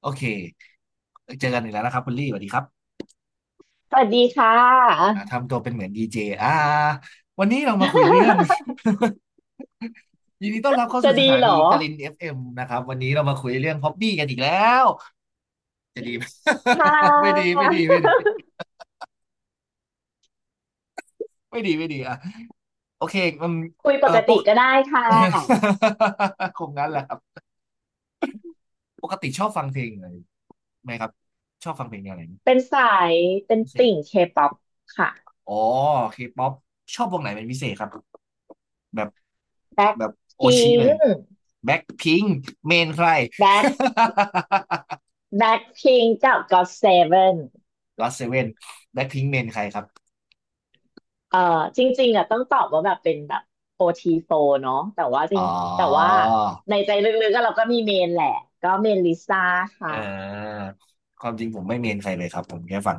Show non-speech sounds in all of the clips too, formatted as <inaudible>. โอเคเจอกันอีกแล้วนะครับคุณลี่สวัสดีครับสวัสดีค่ะ ทำตัวเป็นเหมือนดีเจวันนี้เรามาคุยเรื่อง <laughs> <laughs> ยินดีต้อนรับเข้าจะสู่สดีถาเหรนีอกลินเอฟเอ็มนะครับวันนี้เรามาคุยเรื่องฮ็อบบี้กันอีกแล้วจะดี <laughs> ไหม ค่ <laughs> ไม่ดีะไม่ดีไม่ดีไม่ดีไม่ดีอ่ะโอเคมันคุยปเอ่อกปติก ก็ได้ค่ะ <laughs> คงงั้นแหละครับปกติชอบฟังเพลงอะไรไหมครับชอบฟังเพลงแนวไหนเป็นสายเป็นพิเศษติ่งเคป๊อปค่ะอ๋อเคป๊อปชอบวงไหนเป็นพิเศษครับแบบ แบ็คแบบโอพิชิงเลยค์แบ็คพิงเมนใคร แบ็ค <laughs> แบ็คพิงค์กับก็อตเซเว่นก็อตเซเว่นแบ็คพิง <laughs> เมนใครครับเอ่อจริงๆอ่ะต้องตอบว่าแบบเป็นแบบโอทีโฟร์เนาะอ๋อแต่ว่าในใจลึกๆก็เราก็มีเมนแหละก็เมนลิซ่าค่ะอ่าความจริงผมไม่เมนใครเลยครับผมแค่ฟัง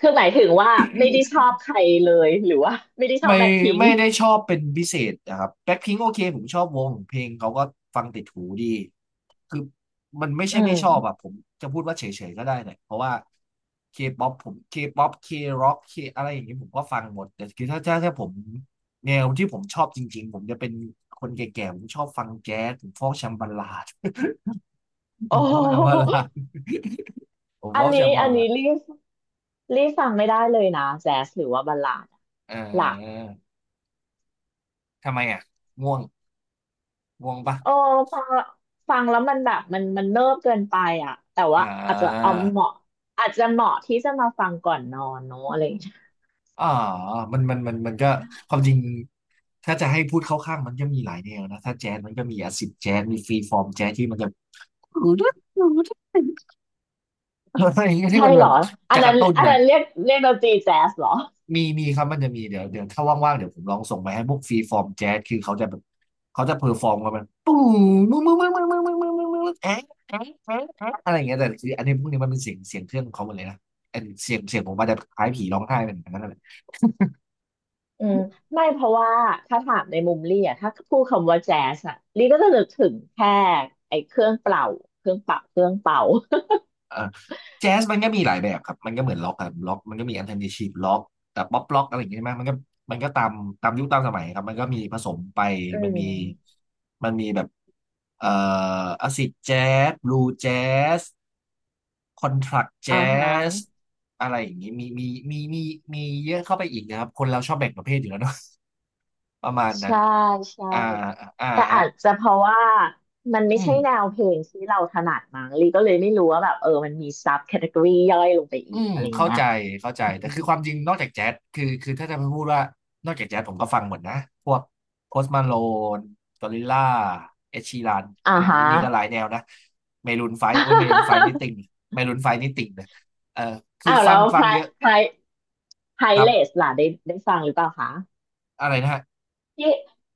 คือหมายถึงว่าไม่ได้ชอบใครเลยหรือว่าไม่ได้ชอไม่บแบ็คพิงไม่ค์ได้ชอบเป็นพิเศษนะครับแบ็คพิงค์โอเคผมชอบวงเพลงเขาก็ฟังติดหูดีคือมันไม่ใช่อืไม่ชอบอะม ผมจะพูดว่าเฉยๆก็ได้เนี่ยเพราะว่าเคป๊อปผมเคป๊อปเคร็อกเคอะไรอย่างนี้ผมก็ฟังหมดแต่คือถ้าผมแนวที่ผมชอบจริงๆผมจะเป็นคนแก่ๆผมชอบฟังแจ๊สผมฟอกแชมบาลาด <laughs> ผโอ้มฟโหอกแชมบาลาดผมฟอันอกแชนี้มบาอันลานี้ดรีบรีบฟังไม่ได้เลยนะแจ๊สหรือว่าบัลลาดอะเหลักออทำไมอ่ะง่วงง่วงปะโอ้ฟังฟังแล้วมันแบบมันเนิบเกินไปอ่ะแต่อ่ว่าอาจจะเอาเหา มาะอาจจะเหมาะที่จะมาฟังก่อนนอนเนอะอะไรอย่างเงี้ยอ่ามันก็ความจริงถ้าจะให้พูดเข้าข้างมันก็มีหลายแนวนะถ้าแจ๊สมันก็มีอาซิดแจ๊สมีฟรีฟอร์มแจ๊สที่มันจะ <laughs> อะไรอย่างเงี้ยที่ใช่มันเหแบรอบอันจะกนั้ระนตุ้นอันหน่อยนั้นเรียกดนตรีแจ๊สเหรอมีครับมันจะมีเดี๋ยวถ้าว่างๆเดี๋ยวผมลองส่งไปให้พวกฟรีฟอร์มแจ๊สคือเขาจะแบบเขาจะเพอร์ฟอร์มกัน <laughs> มันปุ้มมึงมึงมึงมึงมึงมึงมึงมึงมึงแอ๊ะแอ๊ะแอ๊ะแอ๊ะอะไรอย่างเงี้ยแต่คืออันนี้พวกนี้มันเป็นเสียงเสียงเครื่องของเขาหมดเลยนะอันเสียงเสียงผมอาจจะคล้ายผีร้องไห้เหมือนกันนั่นแหละ อืมไม่เพราะว่าถ้าถามในมุมลี่อ่ะถ้าพูดคำว่าแจ๊สอ่ะลี่ก็จะนึกถึงแค่ไอ้เครื่องเป่าเครื่องเป่าเครื่องเป่าเอ่อแจ๊สมันก็มีหลายแบบครับ มันก็เหมือนล็อกครับล็อกมันก็มีอันเทอร์ i นทีฟล็อกแต่ป๊อปล็อกอะไรอย่างเงี้ยใช่ไหมมันก็ตามตามยุคตามสมัยครับ มันก็มีผสมไป อืมันมีมมันมีแบบเอ่ออาซิดแจ๊สบลูแจ๊สคอนทรักแจ๊อ่าฮะสอะไรอย่างงี้มีมีมีเยอะเข้าไปอีกนะครับ คนเราชอบแบ่งประเภทอยู่แล้วเนาะ <laughs> ประมาณนั้นใช่ใช่ อ่าอ่าแต่ฮะอาจจะเพราะว่ามันไม่อืม ใช่แนวเพลงที่เราถนัดมั้งลีก็เลยไม่รู้ว่าแบบเออมันมีซับแคตตากรีย่อยลงไปอีอืกมอะไรเข้าเงี้ยใจเข้าใจอืแต่มคือความจริงนอกจากแจ๊สคือถ้าจะพูดว่านอกจากแจ๊สผมก็ฟังหมดนะพวกโพสต์มาโลนกอริลล่าเอชีรันอ่าฮะ นี่ก็หลายแนวนะเมรูนไฟโอ้ยเมรูนไฟนี่ <laughs> ติ่งเมรูนไฟนี่ติ่งเลยเออคืออ้าวฟัแล้งวฟังเยอะไพรไพรครัเลสบล่ะได้ได้ฟังหรือเปล่าคะอะไรนะฮะที่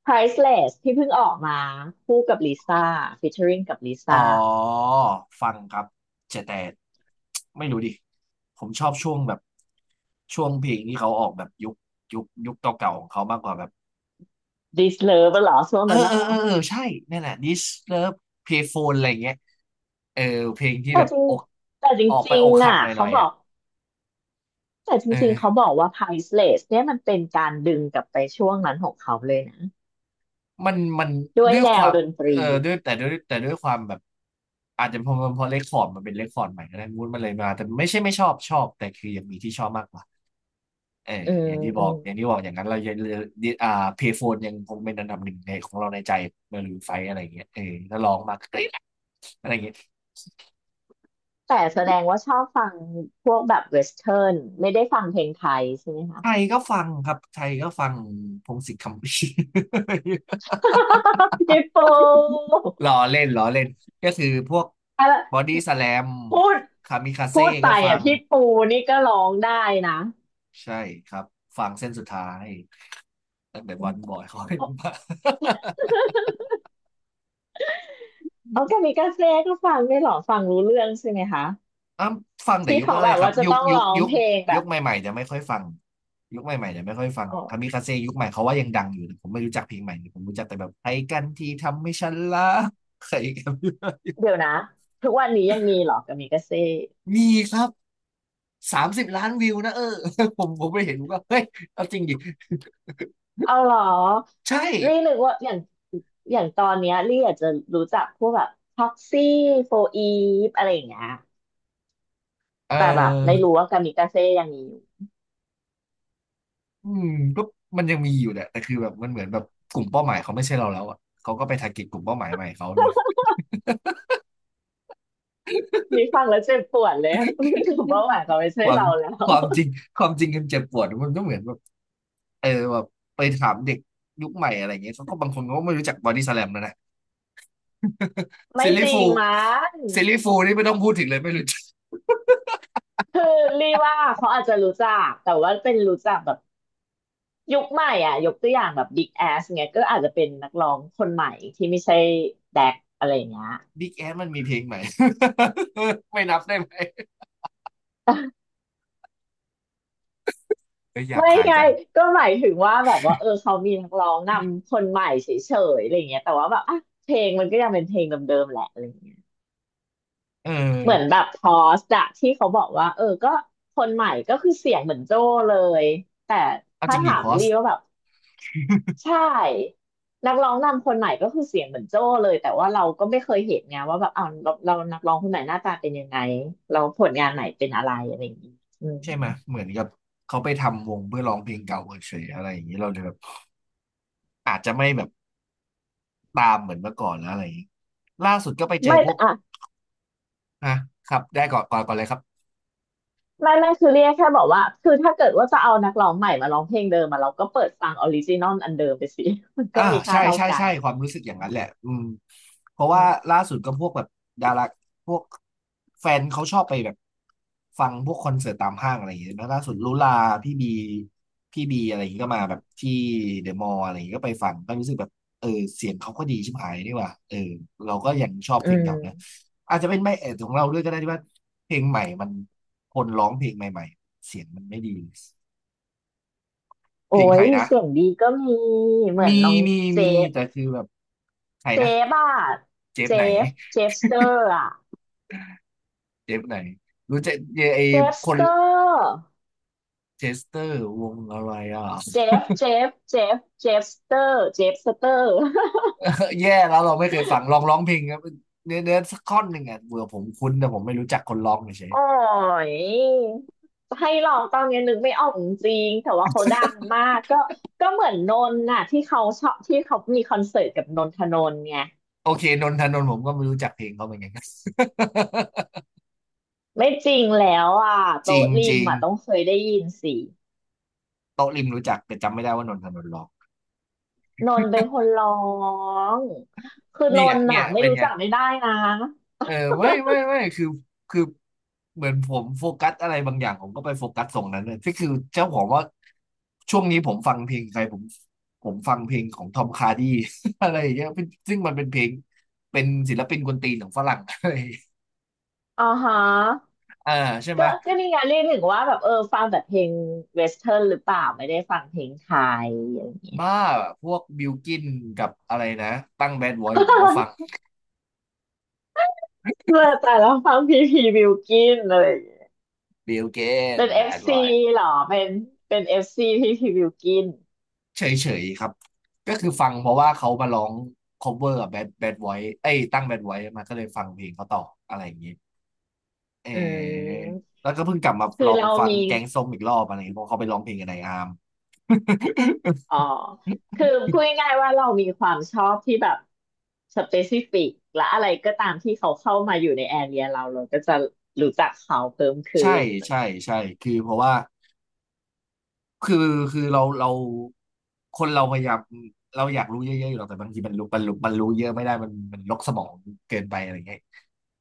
Priceless ที่เพิ่งออกมาคู่กับลิซ่า featuring กับลิอ๋อซ่า ฟังครับแต่ไม่รู้ดิผมชอบช่วงแบบช่วงเพลงที่เขาออกแบบยุคยุคเก่าๆของเขามากกว่าแบบ This Love เหรอช่วงเออนั้นเอน่ะอเหรอเออเออใช่นั่นแหละ This Love Payphone อะไรอย่างเงี้ยเออเพลงที่แต่แบบจริงอกแต่จออกไปริงอกๆหักอ่ะหน่เขาอยๆอบออ่ะกแต่จริงๆเขาเออบอกว่า Priceless เนี่ยมันเป็นการดึงกลับไปช่วงนั้นของเขาเลยนะ มันมันด้วยด้วยแนคววามดนตรีเออด้วยความแบบอาจจะเพราะเลคคอร์ดมันเป็นเลคคอร์ดใหม่ก็ได้มูดมันเลยมาแต่ไม่ใช่ไม่ชอบชอบแต่คือยังมีที่ชอบมากกว่าเอออืมอย่างที่บอือกมอย่างที่บอกอย่างนั้นเรายังอ่าเพย์โฟนยังคงเป็นอันดับหนึ่งในของเราในใจมารูนไฟอะไรอย่างเงี้ยเออถ้าลองมาก็ได้นะอะไรอย่างเงี้ย แต่แสดงว่าชอบฟังพวกแบบเวสเทิร์นไม่ได้ฟังเพลงไทยใช่ไหมคะ ไทยก็ฟังพงษ์สิทธิ์คำภีร์ <laughs> พี่ปู <laughs> ล้อเล่นก็คือพวกอะไรบอดี้สแลมพูดคามิคาเซ่พูดไปก็ฟัอ่ะงพี่ปูนี่ก็ร้องได้นะใช่ครับฟังเส้นสุดท้ายตั้งแต่อืวัมนบอย <laughs> เขาเป็โอนมา <laughs> าแกามิกาเซ่ก็ฟังได้วยเหรอฟังรู้เรื่องใช่ไหมคะอ้ำฟังแต่ที่ยุคแรเขาแบกบๆครัว่าบจะยุคต้องยุร้คองยุคเพลงแบยุคบใหม่ๆจะไม่ค่อยฟังยุคใหม่ๆจะไม่ค่อยฟังอ๋อคามิคาเซ่ยุคใหม่เขาว่ายังดังอยู่แต่ผมไม่รู้จักเพลงใหม่ผมรู้จักแต่แบบใค้กันที่ทำให้ฉันรักใครกัน เดี๋ยวนะทุกวันนี้ยังมีเหรอกามิกาเซ่ <laughs> มีครับ 30 ล้านวิวนะเออ <laughs> ผมไปเห็นผมก็เฮ้ยเอาจริงดิ เอาเหรอ <laughs> ใช่ลี่นึกว่าอย่างตอนเนี้ยลี่อาจจะรู้จักพวกแบบท็อกซี่โฟอีฟอะไรอย่างเงี้ยเแต่แบบไม่ออรู้ว่ากามิกาเซ่ยังมีอยู่อืมก็มันยังมีอยู่แหละแต่คือแบบมันเหมือนแบบกลุ่มเป้าหมายเขาไม่ใช่เราแล้วอ่ะเขาก็ไปทาร์เก็ตกลุ่มเป้าหมายใหม่เขาเลยนี่ฟังแล้วเจ็บปวดเลย <laughs> รู้สึกว่าหวานเขาไม่คใช่วามเราแล้คว วามจริงความจริงมันเจ็บปวดมันก็เหมือนแบบเออแบบไปถามเด็กยุคใหม่อะไรเงี้ยเขาก็บางคนก็ไม่รู้จักบอดี้สแลมแล้วนะ <laughs> ไม่ซิลจลี่ริฟูงลมั้งซิลลี่ฟูลนี่ไม่ต้องพูดถึงเลยไม่รู้จักคือลี่ว่าเขาอาจจะรู้จักแต่ว่าเป็นรู้จักแบบยุคใหม่อ่ะยกตัวอย่างแบบบิ๊แอสเงี้ยก็อาจจะเป็นนักร้องคนใหม่ที่ไม่ใช่แดกอะไรอย่างเงี้ย บิ๊กแอมันมีเพลงใหม่ <laughs> ไม่นับได้ไหมเออหยาบไม่คายไงจังก็หมายถึงว่าแบบว่าเออเขามีนักร้องนำคนใหม่เฉยๆอะไรอย่างเงี้ยแต่ว่าแบบอ่ะเพลงมันก็ยังเป็นเพลงเดิมๆแหละอะไรอย่างเงี้ยเอเหมือนแบอ บพอสอะที่เขาบอกว่าเออก็คนใหม่ก็คือเสียงเหมือนโจ้เลยแต่เอาจถ้าริงดิถาพมอสลีว่าแบบใช่นักร้องนำคนใหม่ก็คือเสียงเหมือนโจ้เลยแต่ว่าเราก็ไม่เคยเห็นไงว่าแบบเอาเรานักร้องคนไหนหน้าตาเป็นยังไงเราผลงานไหนเป็นอะไรอะไรอย่างเงี้ยอืมใช่ไหมเหมือนกับเขาไปทำวงเพื่อร้องเพลงเก่าเฉยๆอะไรอย่างนี้เราเลยแบบอาจจะไม่แบบตามเหมือนเมื่อก่อนแล้วอะไรอย่างนี้ล่าสุดก็ไปเจอไม่พวแต่กอ่ะ นะครับได้ก่อนก่อนก่อนเลยครับ ไม่ไม่คือเรียกแค่บอกว่าคือถ้าเกิดว่าจะเอานักร้องใหม่มาร้องเพลงเดิมมาเราก็เปิดฟังออริจินอลอันเดิมไปสิ <laughs> มันก็อ่ามีค่าใช่เท่าใช่กันใช่ความรู้สึกอย่างนั้นแหละอืมเพราะอืว่ามล่าสุดก็พวกแบบดาราพวกแฟนเขาชอบไปแบบฟังพวกคอนเสิร์ตตามห้างอะไรอย่างเงี้ยแล้วล่าสุดลุลาพี่บีพี่บีอะไรอย่างเงี้ยก็มาแบบที่เดอะมอลล์อะไรอย่างเงี้ยก็ไปฟังก็รู้สึกแบบเออเสียงเขาก็ดีชิบหายนี่หว่าเออเราก็ยังชอบอืเพลงเก่านะมอาจจะเป็นไม่เอดของเราด้วยก็ได้ที่ว่าเพลงใหม่มันคนร้องเพลงใหม่ๆเสียงมันไม่ดีเพโอ้ลงไทยยนะเสียงดีก็มีเหมือมีนน้องมีเจมีฟแต่คือแบบใครเจนะ ฟอะเจฟเจไหนฟเจฟสเตอร์อะเจฟไหนรู้จักยไอเจฟสคนเตอร์เชสเตอร์วงอะไรอ่ะ เจฟเจฟเจฟเจฟสเตอร์เจฟสเตอร์ <laughs> แย่แล้วเราไม่เคยฟังลองร้องเพลงครับเนื้อสักท่อนหนึ่งอ่ะเบื่อผมคุ้นแต่ผมไม่รู้จักคนร้องเฉยโอ้ยให้ลองตอนนี้นึกไม่ออกจริงๆแต่ว่าเขาดังมากก็เหมือนนนท์น่ะที่เขาชอบที่เขามีคอนเสิร์ตกับนนทนนท์ไงๆโอเคนนทนนท์ผมก็ไม่รู้จักเพลงเขาเหมือนกัน <laughs> ไม่จริงแล้วอ่ะจริโต๊ะงริจมริงอ่ะต้องเคยได้ยินสิโต๊ะริมรู้จักแต่จำไม่ได้ว่านนทนนท์ร้องนนท์เป็นคนร้องคือนเนี่ยนท์เนี่น่ะยไม่เป็นรู้ไง จักไม่ได้นะเออไม่ไม่ไม่คือเหมือนผมโฟกัสอะไรบางอย่างผมก็ไปโฟกัสตรงนั้นเลยที่คือเจ้าของว่าช่วงนี้ผมฟังเพลงใครผมฟังเพลงของทอมคาร์ดี้ <laughs> อะไรอย่างเงี้ยเป็นซึ่งมันเป็นเพลงเป็นศิลปินกวนตีนของฝรั่ง <laughs> อะไรอย่างเงี้ยอ่าฮะอ่าใช่ไหมก็นี่ไงเรียกหึงว่าแบบเออฟังแต่เพลงเวสเทิร์นหรือเปล่าไม่ได้ฟังเพลงไทยอย่างเงี้ย บ้าพวกบิลกินกับอะไรนะตั้งแบดบอยผมก็ฟัง <laughs> เมื่อแต่วฟังพีพีบิวกินอะไรอย่างเลย บิลกินเป็นแบเอฟดบอซีย หรอเป็นเอฟซีที่พี่บิวกินเฉยๆครับก็คือฟังเพราะว่าเขามาร้อง cover กับ Bad Bad Boy เอ้ยตั้ง Bad Boy มาก็เลยฟังเพลงเขาต่ออะไรอย่างงี้เอืออมแล้วก็เพิ่งกลับมาคืลอองเราฟังมีแกงส้มอีกรอบอะไรอย่างเงี้ยเพราะเขาไปร้องเพลงกับนายอาร์ม อ๋อคื <laughs> อพูดง่ายๆว่าเรามีความชอบที่แบบสเปซิฟิกและอะไรก็ตามที่เขาเข้ามาอยู่ในแอเรียเราก็จะรู้จักเขาเพิ่มขึ้ใช่นใช่ใช่คือเพราะว่า คือเราคนเราพยายามเราอยากรู้เยอะๆอยู่หรอกแต่บางทีมันรู้เยอะไม่ได้มันลกสมองเกินไปอะไรเงี้ย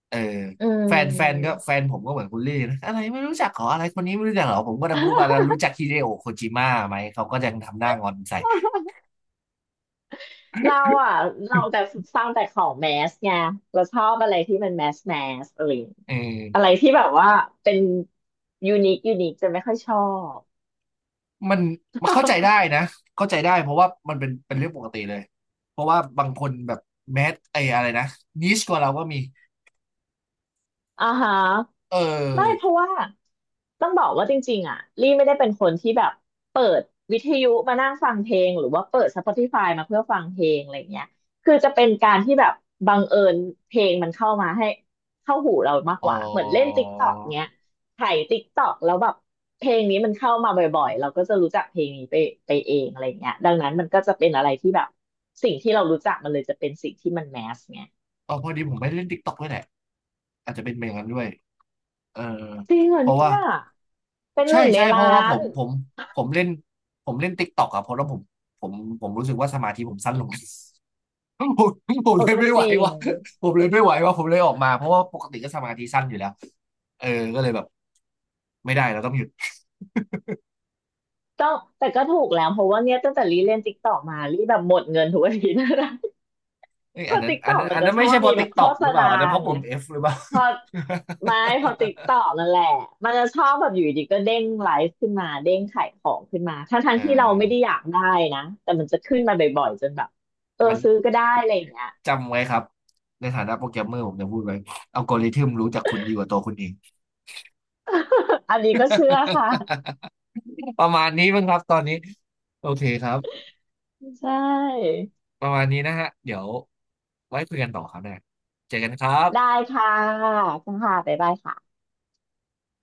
เอออืม แฟนผมก็เหมือนคุณลี่นะอะไรไม่รู้จักขออะไรคนนี้ไม่รู้จักเหรอผมก็จะพูดว่า <laughs> รู้จักฮิเดโอะโคจิมะไหมเขาก็ยังทำหน้างอนใส่ เราอ่ะเราแต่ฟังแต่ของแมสไงเราชอบอะไรที่มันแมสแมสอะไรอย่าง <laughs> เอออะไรที่แบบว่าเป็นยูนิคยูนิคจะไม่ค่อยชอบ มันมันเข้าใจได้ <laughs> นะเข้าใจได้เพราะว่ามันเป็นเรื่องปกติเลยเพราะว่าบางคนแบบแมสไออะไรนะนิชกว่าเราก็มีอ่าฮะเไม่เพออราะว่าต้องบอกว่าจริงๆอ่ะลี่ไม่ได้เป็นคนที่แบบเปิดวิทยุมานั่งฟังเพลงหรือว่าเปิด Spotify มาเพื่อฟังเพลงอะไรเงี้ยคือจะเป็นการที่แบบบังเอิญเพลงมันเข้ามาให้เข้าหูเรามากอ๋กอ ว่าเหมือนเล่น TikTok เงี้ยไถ TikTok แล้วแบบเพลงนี้มันเข้ามาบ่อยๆเราก็จะรู้จักเพลงนี้ไปเองอะไรเงี้ยดังนั้นมันก็จะเป็นอะไรที่แบบสิ่งที่เรารู้จักมันเลยจะเป็นสิ่งที่มันแมสไงอออพอดีผมไม่ได้เล่นติ๊กต็อกด้วยแหละอาจจะเป็นอย่างนั้นด้วยเออจริงเหรอเพราะเนี่ว่ายเป็นหใช่นึ่งในใช่เพราะล้าว่าผน มผมผมเล่นเล่นติ๊กต็อกอะเพราะว่าผมผมรู้สึกว่าสมาธิผมสั้นลง <laughs> ผมผมโอ้เลยก็ไม่จไหวริงว่ะผมเลยไม่ไหวว่ะผมเลยออกมาเพราะว่าปกติก็สมาธิสั้นอยู่แล้วเออก็เลยแบบไม่ได้เราต้องหยุดต้องแต่ก็ถูกแล้วเพราะว่าเนี่ยตั้งแต่รีเล่นติ๊กตอกมารีแบบหมดเงินทุกอาทิตย์นะ เอ้ <laughs> ยเพราะติ๊กตอกมัอันนจะนั้นชไม่อบใช่เพมีราะแบติ๊บกต็โฆอกษหรือเปณาล่าอันนั้นเพราะไงปุ่ม F หรือเปล่า พอไม่ <laughs> พอติ๊กตอกนั่นแหละมันจะชอบแบบอยู่ดีก็เด้งไลฟ์ขึ้นมาเด้งขายของขึ้นมาทั้เองที่เราไม่ได้ออยากได้นะแต่มันจะขึ้นมาบ่อยๆจนแบบเออมันซื้อก็ได้อะไรอย่างเงี้ย จำไว้ครับในฐานะโปรแกรมเมอร์ผมจะพูดไว้อัลกอริทึมรู้จักคุณดีกว่าตัวคุณเอง <laughs> อันนี้ก็เชื่อค่ะ <laughs> ประมาณนี้มั้งครับตอนนี้โอเคครับใช่ประมาณนี้นะฮะเดี๋ยวไว้คุยกันต่อครับเนี่ยเจอกันครัได้บค่ะค่ะบ๊ายบายค่ะ